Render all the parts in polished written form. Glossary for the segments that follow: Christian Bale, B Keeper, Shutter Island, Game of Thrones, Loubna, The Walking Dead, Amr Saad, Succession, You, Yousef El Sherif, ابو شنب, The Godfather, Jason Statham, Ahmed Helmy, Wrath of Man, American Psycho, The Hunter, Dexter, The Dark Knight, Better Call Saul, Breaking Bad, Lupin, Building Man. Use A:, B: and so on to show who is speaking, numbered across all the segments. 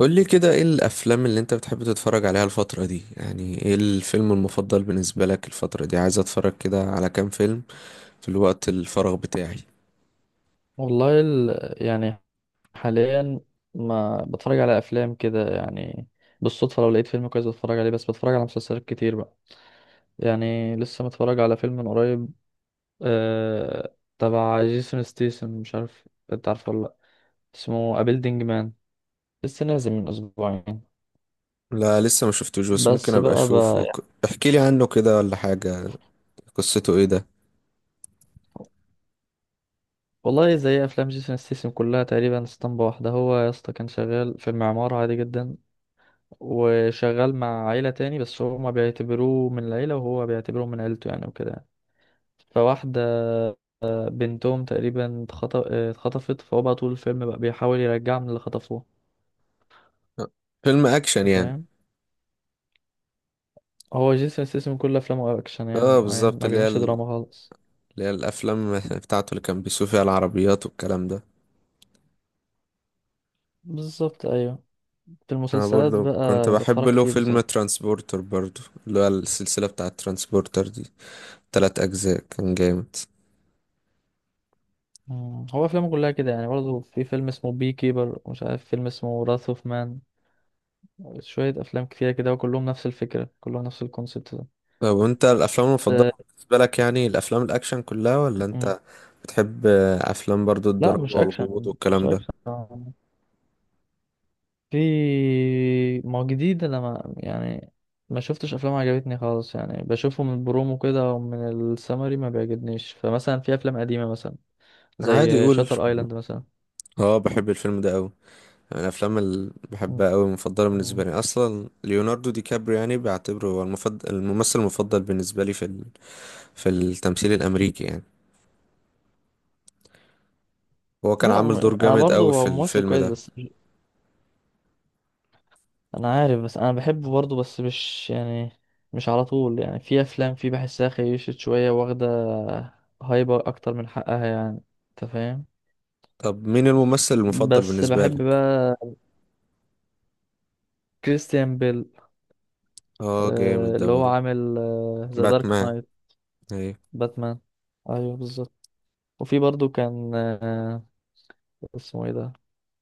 A: قولي كده، ايه الافلام اللي انت بتحب تتفرج عليها الفترة دي؟ يعني ايه الفيلم المفضل بالنسبة لك الفترة دي؟ عايز اتفرج كده على كام فيلم في الوقت الفراغ بتاعي.
B: والله يعني حاليا ما بتفرج على افلام كده يعني. بالصدفه لو لقيت فيلم كويس بتفرج عليه، بس بتفرج على مسلسلات كتير بقى. يعني لسه متفرج على فيلم من قريب، تبع جيسون ستيسن، مش عارف انت عارفه ولا لا. اسمه أبيلدينج مان، لسه نازل من اسبوعين.
A: لا لسه ما شفتوش بس ممكن
B: بس
A: ابقى
B: بقى
A: اشوفه.
B: يعني،
A: احكي لي عنه كده ولا حاجة. قصته ايه ده؟
B: والله زي افلام جيسون ستيسن كلها تقريبا اسطمبة واحدة. هو يا اسطى كان شغال في المعمار عادي جدا، وشغال مع عيلة تاني بس هما بيعتبروه من العيلة وهو بيعتبره من عيلته يعني وكده يعني. فواحدة بنتهم تقريبا اتخطفت، فهو بقى طول الفيلم بقى بيحاول يرجعها من اللي خطفوه.
A: أه، فيلم اكشن
B: انت
A: يعني؟
B: فاهم؟ هو جيسون ستاثام كل افلامه اكشن يعني،
A: اه
B: يعني
A: بالظبط،
B: ما بيعملش دراما خالص.
A: اللي هي الافلام بتاعته اللي كان بيسوق فيها العربيات والكلام ده.
B: بالظبط ايوه. في
A: انا
B: المسلسلات
A: برضو كنت
B: بقى
A: بحب
B: بتفرج
A: له
B: كتير
A: فيلم
B: بصراحة.
A: ترانسبورتر برضو، اللي هو السلسلة بتاعة ترانسبورتر دي. تلات اجزاء كان جامد.
B: مم. هو افلامه كلها كده يعني، برضه في فيلم اسمه بي كيبر ومش عارف فيلم اسمه وراث اوف مان. شوية افلام كتيرة كده وكلهم نفس الفكرة، كلهم نفس الكونسيبت ده.
A: طب وانت الافلام المفضله بالنسبه لك يعني الافلام الاكشن كلها، ولا
B: أه،
A: انت بتحب افلام برضو
B: لا مش
A: الدراما والغموض
B: اكشن مش
A: والكلام ده؟
B: اكشن. في، ما هو جديد انا ما يعني، ما شفتش افلام عجبتني خالص يعني. بشوفه من البرومو كده او من السمري ما بيعجبنيش. فمثلا في افلام قديمه مثلا
A: عادي
B: زي
A: يقول.
B: شاتر ايلاند مثلا.
A: اه بحب الفيلم ده قوي. يعني الافلام اللي
B: م-
A: بحبها قوي مفضله
B: م.
A: بالنسبه لي اصلا ليوناردو دي كابريو، يعني بعتبره هو المفضل، الممثل المفضل بالنسبه لي في في التمثيل الامريكي يعني. هو كان
B: لا
A: عامل دور
B: انا
A: جامد قوي
B: برضو هو
A: في
B: ممثل
A: الفيلم
B: كويس
A: ده.
B: بس مش- انا عارف، بس انا بحبه برضو بس مش يعني، مش على طول يعني. في افلام في بحسها خيشت شويه، واخده هايبر اكتر من حقها يعني. انت فاهم؟
A: طب مين الممثل المفضل
B: بس
A: بالنسبه لك؟
B: بحب بقى كريستيان بيل.
A: اه جامد ده
B: اللي هو
A: برضو.
B: عامل ذا دارك
A: باتمان،
B: نايت.
A: ايوه.
B: باتمان، ايوه بالظبط. وفي برضو كان اسمه ايه ده،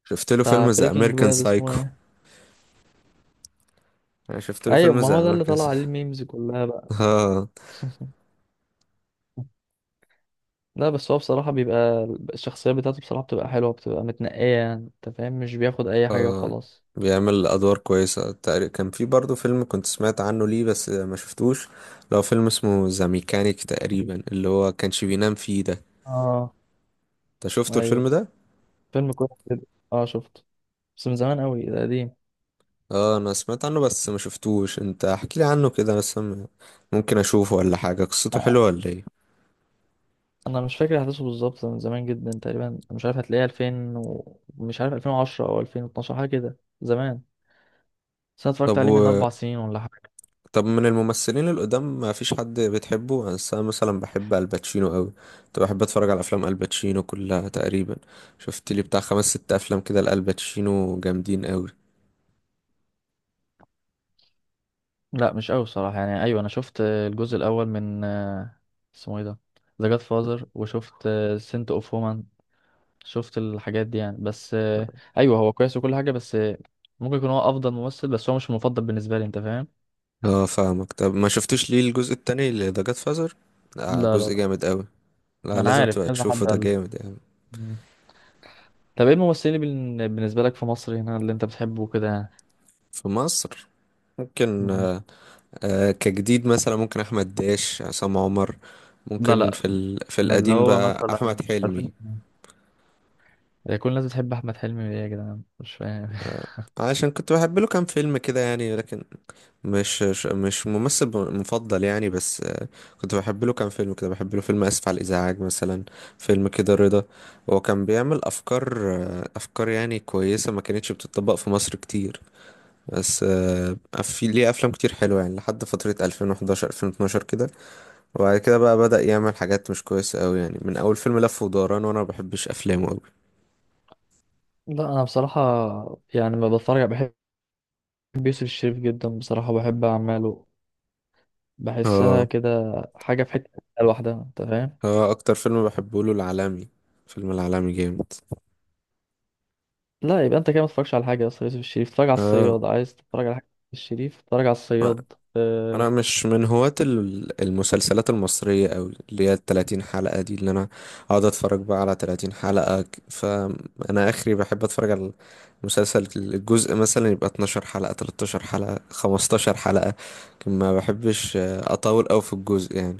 A: شفت له
B: بتاع
A: فيلم ذا
B: بريكنج
A: امريكان
B: باد اسمه
A: سايكو.
B: ايه.
A: انا شفت له
B: ايوه
A: فيلم
B: ما
A: زي
B: هو ده اللي
A: امريكان
B: طلع عليه الميمز كلها بقى.
A: اه.
B: لا بس هو بصراحة بيبقى، الشخصية بتاعته بصراحة بتبقى حلوة، بتبقى متنقية يعني، انت فاهم؟ مش بياخد اي حاجة
A: اه
B: وخلاص.
A: بيعمل ادوار كويسه. تقريبا كان في برضه فيلم كنت سمعت عنه ليه بس ما شفتوش، لو فيلم اسمه ذا ميكانيك تقريبا، اللي هو كانش بينام فيه ده.
B: اه
A: انت شفته
B: ايوه،
A: الفيلم ده؟
B: فيلم كويس جدا. اه شفته بس من زمان قوي، ده قديم.
A: اه انا سمعت عنه بس ما شفتوش. انت احكي لي عنه كده بس، أنا ممكن اشوفه ولا حاجه. قصته حلوه ولا ايه؟
B: انا مش فاكر احداثه بالظبط، من زمان جدا تقريبا. مش عارف هتلاقيه 2000 ومش عارف 2010 او 2012 حاجه كده زمان. بس انا
A: طب
B: اتفرجت عليه من 4 سنين ولا حاجه.
A: طب من الممثلين القدام ما فيش حد بتحبه؟ بس انا مثلا بحب الباتشينو قوي. كنت بحب اتفرج على افلام الباتشينو كلها تقريبا. شفت لي بتاع خمس ست افلام كده لالباتشينو جامدين قوي.
B: لا مش قوي صراحه يعني. ايوه انا شفت الجزء الاول من اسمه ايه ده، ذا جاد فازر. وشفت سنت اوف وومن. شفت الحاجات دي يعني بس ايوه هو كويس وكل حاجه، بس ممكن يكون هو افضل ممثل، بس هو مش المفضل بالنسبه لي. انت فاهم؟
A: اه فاهمك. طب ما شفتش ليه الجزء التاني اللي ده جاد فازر؟ آه
B: لا لا
A: جزء
B: لا.
A: جامد قوي. لا
B: انا
A: لازم
B: عارف
A: تبقى
B: كذا
A: تشوفه،
B: حد
A: ده
B: قال.
A: جامد يعني.
B: مم. طب ايه الممثلين اللي بالنسبه لك في مصر هنا اللي انت بتحبه كده يعني.
A: في مصر؟ ممكن آه. آه كجديد مثلا ممكن احمد داش، عصام عمر.
B: لا
A: ممكن
B: لا.
A: في في
B: من اللي
A: القديم
B: هو
A: بقى
B: مثلا،
A: احمد حلمي.
B: عارفين، هي كل الناس بتحب احمد حلمي ليه يا جدعان مش فاهم.
A: آه عشان كنت بحب له كام فيلم كده يعني، لكن مش ممثل مفضل يعني. بس كنت بحب له كام فيلم كده. بحب له فيلم اسف على الازعاج مثلا، فيلم كده رضا. هو كان بيعمل افكار، افكار يعني كويسه ما كانتش بتطبق في مصر كتير. بس في ليه افلام كتير حلوه يعني لحد فتره 2011 2012 كده. وبعد كده بقى بدأ يعمل حاجات مش كويسه قوي، يعني من اول فيلم لف ودوران، وانا ما بحبش افلامه قوي.
B: لا انا بصراحه يعني ما بتفرج، بحب يوسف الشريف جدا بصراحه، بحب اعماله. بحسها
A: اه.
B: كده حاجه في حته لوحدها، انت فاهم؟
A: اه اكتر فيلم بحبه له العالمي. فيلم العالمي جامد.
B: لا يبقى انت كده ما تتفرجش على حاجه اصلا. يوسف الشريف اتفرج على
A: اه
B: الصياد، عايز تتفرج على حاجه يوسف الشريف اتفرج على الصياد.
A: انا مش من هواة المسلسلات المصرية أوي اللي هي التلاتين حلقة دي، اللي انا اقعد اتفرج بقى على تلاتين حلقة. فانا اخري بحب اتفرج على مسلسل الجزء، مثلا يبقى 12 حلقة، 13 حلقة، 15 حلقة. لكن ما بحبش اطول أوي في الجزء يعني.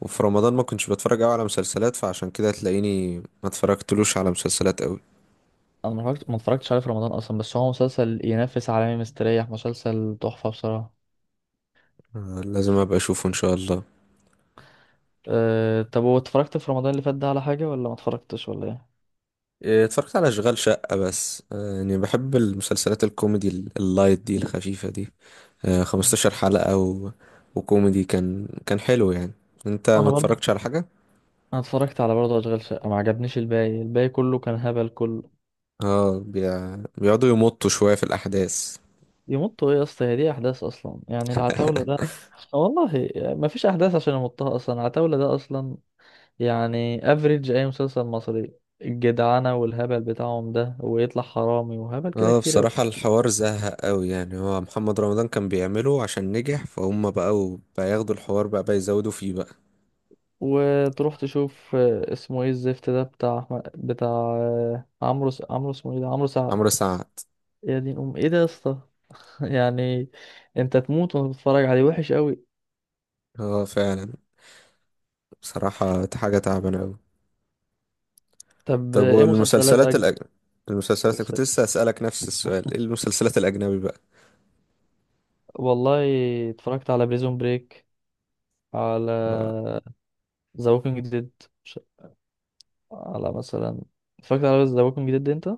A: وفي رمضان ما كنتش بتفرج أوي على مسلسلات، فعشان كده تلاقيني ما اتفرجتلوش على مسلسلات أوي.
B: انا ما اتفرجتش عليه في رمضان اصلا، بس هو مسلسل ينافس عالمي مستريح، مسلسل تحفه بصراحه.
A: لازم ابقى اشوفه ان شاء الله.
B: أه طب واتفرجت في رمضان اللي فات ده على حاجه ولا ما اتفرجتش ولا
A: إيه، اتفرجت على اشغال شقة بس. يعني بحب المسلسلات الكوميدي اللايت دي الخفيفة دي.
B: ايه؟
A: 15 حلقة وكوميدي، كان حلو يعني. انت ما
B: انا برضه،
A: اتفرجتش على حاجة؟
B: انا اتفرجت على برضه اشغال شقه. ما عجبنيش الباقي كله كان هبل كله.
A: اه بيقعدوا يمطوا شوية في الاحداث.
B: يمطوا ايه يا اسطى؟ هي دي احداث اصلا يعني العتاوله ده؟ والله ما فيش احداث عشان يمطها اصلا العتاوله ده اصلا يعني. افريج اي مسلسل مصري، الجدعنه والهبل بتاعهم ده ويطلع حرامي وهبل كده
A: اه
B: كتير أوي.
A: بصراحة الحوار زهق قوي يعني. هو محمد رمضان كان بيعمله عشان نجح، فهم بقوا بقى ياخدوا الحوار بقى يزودوا فيه بقى.
B: وتروح تشوف اسمه ايه الزفت ده بتاع عمرو، اسمه ايه ده، عمرو
A: عمرو
B: سعد.
A: سعد.
B: يا دين ام ايه ده يا اسطى. يعني انت تموت وانت بتتفرج عليه، وحش قوي.
A: اه فعلا، بصراحة حاجة تعبانة قوي.
B: طب
A: طب
B: ايه مسلسلات
A: والمسلسلات
B: اجنبي
A: الأجنبي؟ المسلسلات كنت
B: بتسلك؟
A: لسه أسألك نفس السؤال، ايه المسلسلات الأجنبي بقى؟
B: والله اتفرجت على بريزون بريك، على
A: اه
B: ذا ووكينج ديد، على مثلا، اتفرجت على ذا ووكينج ديد انت؟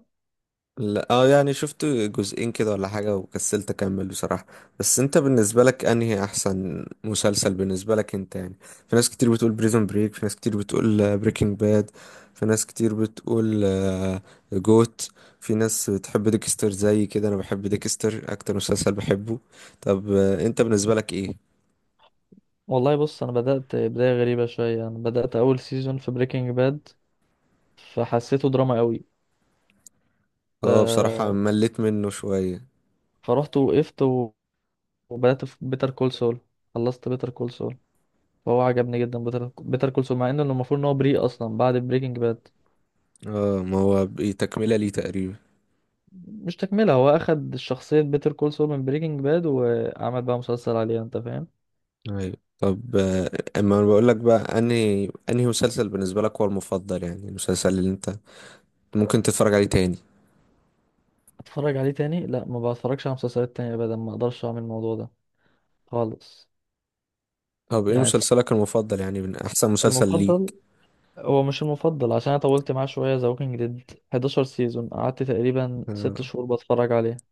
A: لا. اه يعني شفت جزئين كده ولا حاجة وكسلت أكمل بصراحة. بس انت بالنسبة لك انهي احسن مسلسل بالنسبة لك انت يعني؟ في ناس كتير بتقول بريزون بريك، في ناس كتير بتقول بريكنج باد، في ناس كتير بتقول جوت. في ناس بتحب ديكستر. زي كده، انا بحب ديكستر اكتر مسلسل بحبه. طب انت بالنسبة لك ايه؟
B: والله بص، انا بدأت بداية غريبة شوية. انا بدأت اول سيزون في بريكنج باد، فحسيته دراما قوي. ف...
A: اه بصراحة مليت منه شوية.
B: فرحت وقفت وبدأت في بيتر كول سول. خلصت بيتر كول سول، فهو عجبني جدا. بيتر كول سول مع انه المفروض ان هو بريء اصلا بعد بريكنج باد.
A: اه ما هو تكملة ليه تقريبا.
B: مش تكملة، هو أخد شخصية بيتر كول سول من بريكنج باد وعمل بقى مسلسل عليها. أنت فاهم؟
A: ايوه طب، اما انا بقول لك بقى انهي مسلسل بالنسبة لك هو المفضل، يعني المسلسل اللي انت ممكن تتفرج عليه تاني.
B: أتفرج عليه تاني؟ لا ما بتفرجش على مسلسلات تانية أبدا، ما أقدرش أعمل الموضوع ده خالص.
A: طب ايه
B: يعني
A: مسلسلك المفضل يعني، من احسن مسلسل
B: المفضل،
A: ليك؟
B: هو مش المفضل عشان أنا طولت معاه شوية، ذا ووكينج ديد 11 سيزون قعدت تقريبا 6
A: آه،
B: شهور بتفرج عليه.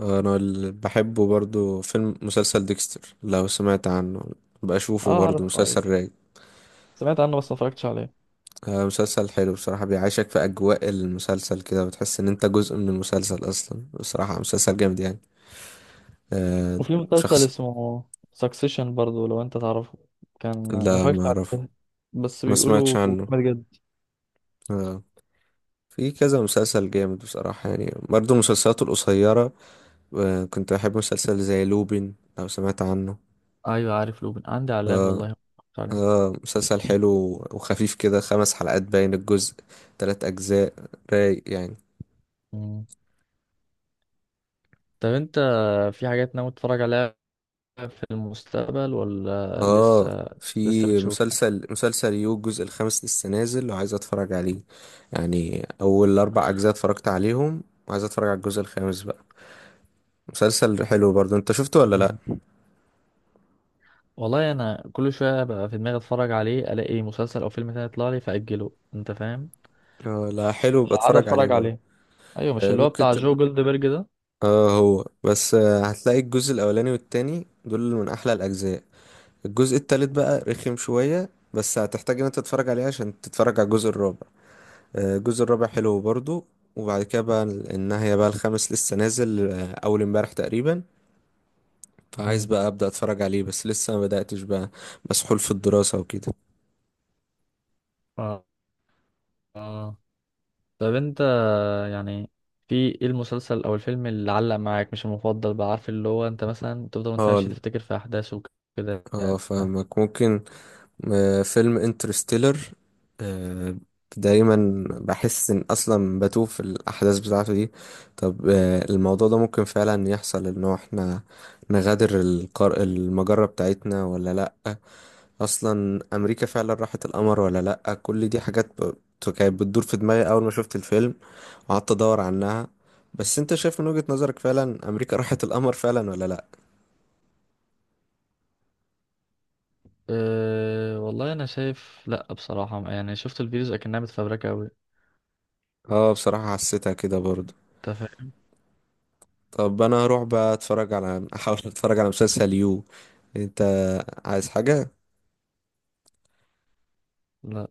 A: انا اللي بحبه برضو فيلم مسلسل ديكستر لو سمعت عنه. بشوفه
B: أه
A: برضو
B: أعرف
A: مسلسل
B: أيوة.
A: رايق.
B: سمعت عنه بس ما اتفرجتش عليه.
A: مسلسل حلو بصراحة، بيعيشك في أجواء المسلسل كده، بتحس إن أنت جزء من المسلسل أصلا. بصراحة مسلسل جامد يعني. آه،
B: وفي مسلسل
A: شخص.
B: اسمه سكسيشن برضو، لو أنت تعرفه. كان ما
A: لا ما
B: اتفرجتش
A: أعرف.
B: عليه بس
A: ما سمعتش
B: بيقولوا
A: عنه.
B: جامد.
A: آه. في كذا مسلسل جامد بصراحة يعني، برضه مسلسلاته القصيرة. آه. كنت أحب مسلسل زي لوبين لو سمعت عنه.
B: ايوه عارف لوبن، عندي على اللاب، والله ما اتفرجت عليه.
A: آه. مسلسل حلو وخفيف كده. خمس حلقات باين الجزء، تلات أجزاء. رايق يعني.
B: مم. طب انت، في حاجات ناوي تتفرج عليها في المستقبل، ولا
A: اه
B: لسه
A: في
B: بتشوف يعني؟
A: مسلسل يو الجزء الخامس لسه نازل وعايز اتفرج عليه، يعني اول اربع اجزاء اتفرجت عليهم وعايز اتفرج على الجزء الخامس بقى. مسلسل حلو برضو. انت شفته ولا
B: مم.
A: لا؟
B: والله انا كل شويه بقى في دماغي اتفرج عليه، الاقي مسلسل او فيلم تاني يطلع لي فاجله. انت فاهم؟
A: لا حلو،
B: قاعد
A: بتفرج عليه
B: اتفرج
A: برضو؟
B: عليه. ايوه مش اللي هو
A: ممكن.
B: بتاع جو جولدبرج ده؟
A: اه هو بس هتلاقي الجزء الاولاني والتاني دول من احلى الاجزاء. الجزء التالت بقى رخم شوية، بس هتحتاج ان انت تتفرج عليه عشان تتفرج على الجزء الرابع. الجزء الرابع حلو برضو. وبعد كده بقى النهاية بقى، الخامس لسه نازل اول امبارح تقريبا. فعايز
B: مم.
A: بقى ابدا اتفرج عليه بس لسه ما بداتش بقى. مسحول في الدراسة وكده.
B: اه. آه. طب انت يعني، في ايه المسلسل او الفيلم اللي علق معاك، مش المفضل بقى، عارف اللي هو انت مثلا تفضل وانت
A: اه
B: ماشي تفتكر في احداثه وكده.
A: اه فاهمك. ممكن فيلم انترستيلر. آه، دايما بحس ان اصلا بتوه في الاحداث بتاعته دي. طب الموضوع ده ممكن فعلا يحصل ان هو احنا نغادر المجرة بتاعتنا ولا لا؟ اصلا امريكا فعلا راحت القمر ولا لا؟ كل دي حاجات كانت بتدور في دماغي اول ما شفت الفيلم وقعدت ادور عنها. بس انت شايف من وجهة نظرك فعلا امريكا راحت القمر فعلا ولا لا؟
B: أه والله انا شايف لا بصراحه يعني، شفت الفيديوز اكنها متفبركه قوي.
A: اه بصراحة حسيتها كده برضه.
B: انت فاهم؟
A: طب انا هروح بقى اتفرج على، احاول اتفرج على مسلسل يو. انت عايز حاجة؟
B: لا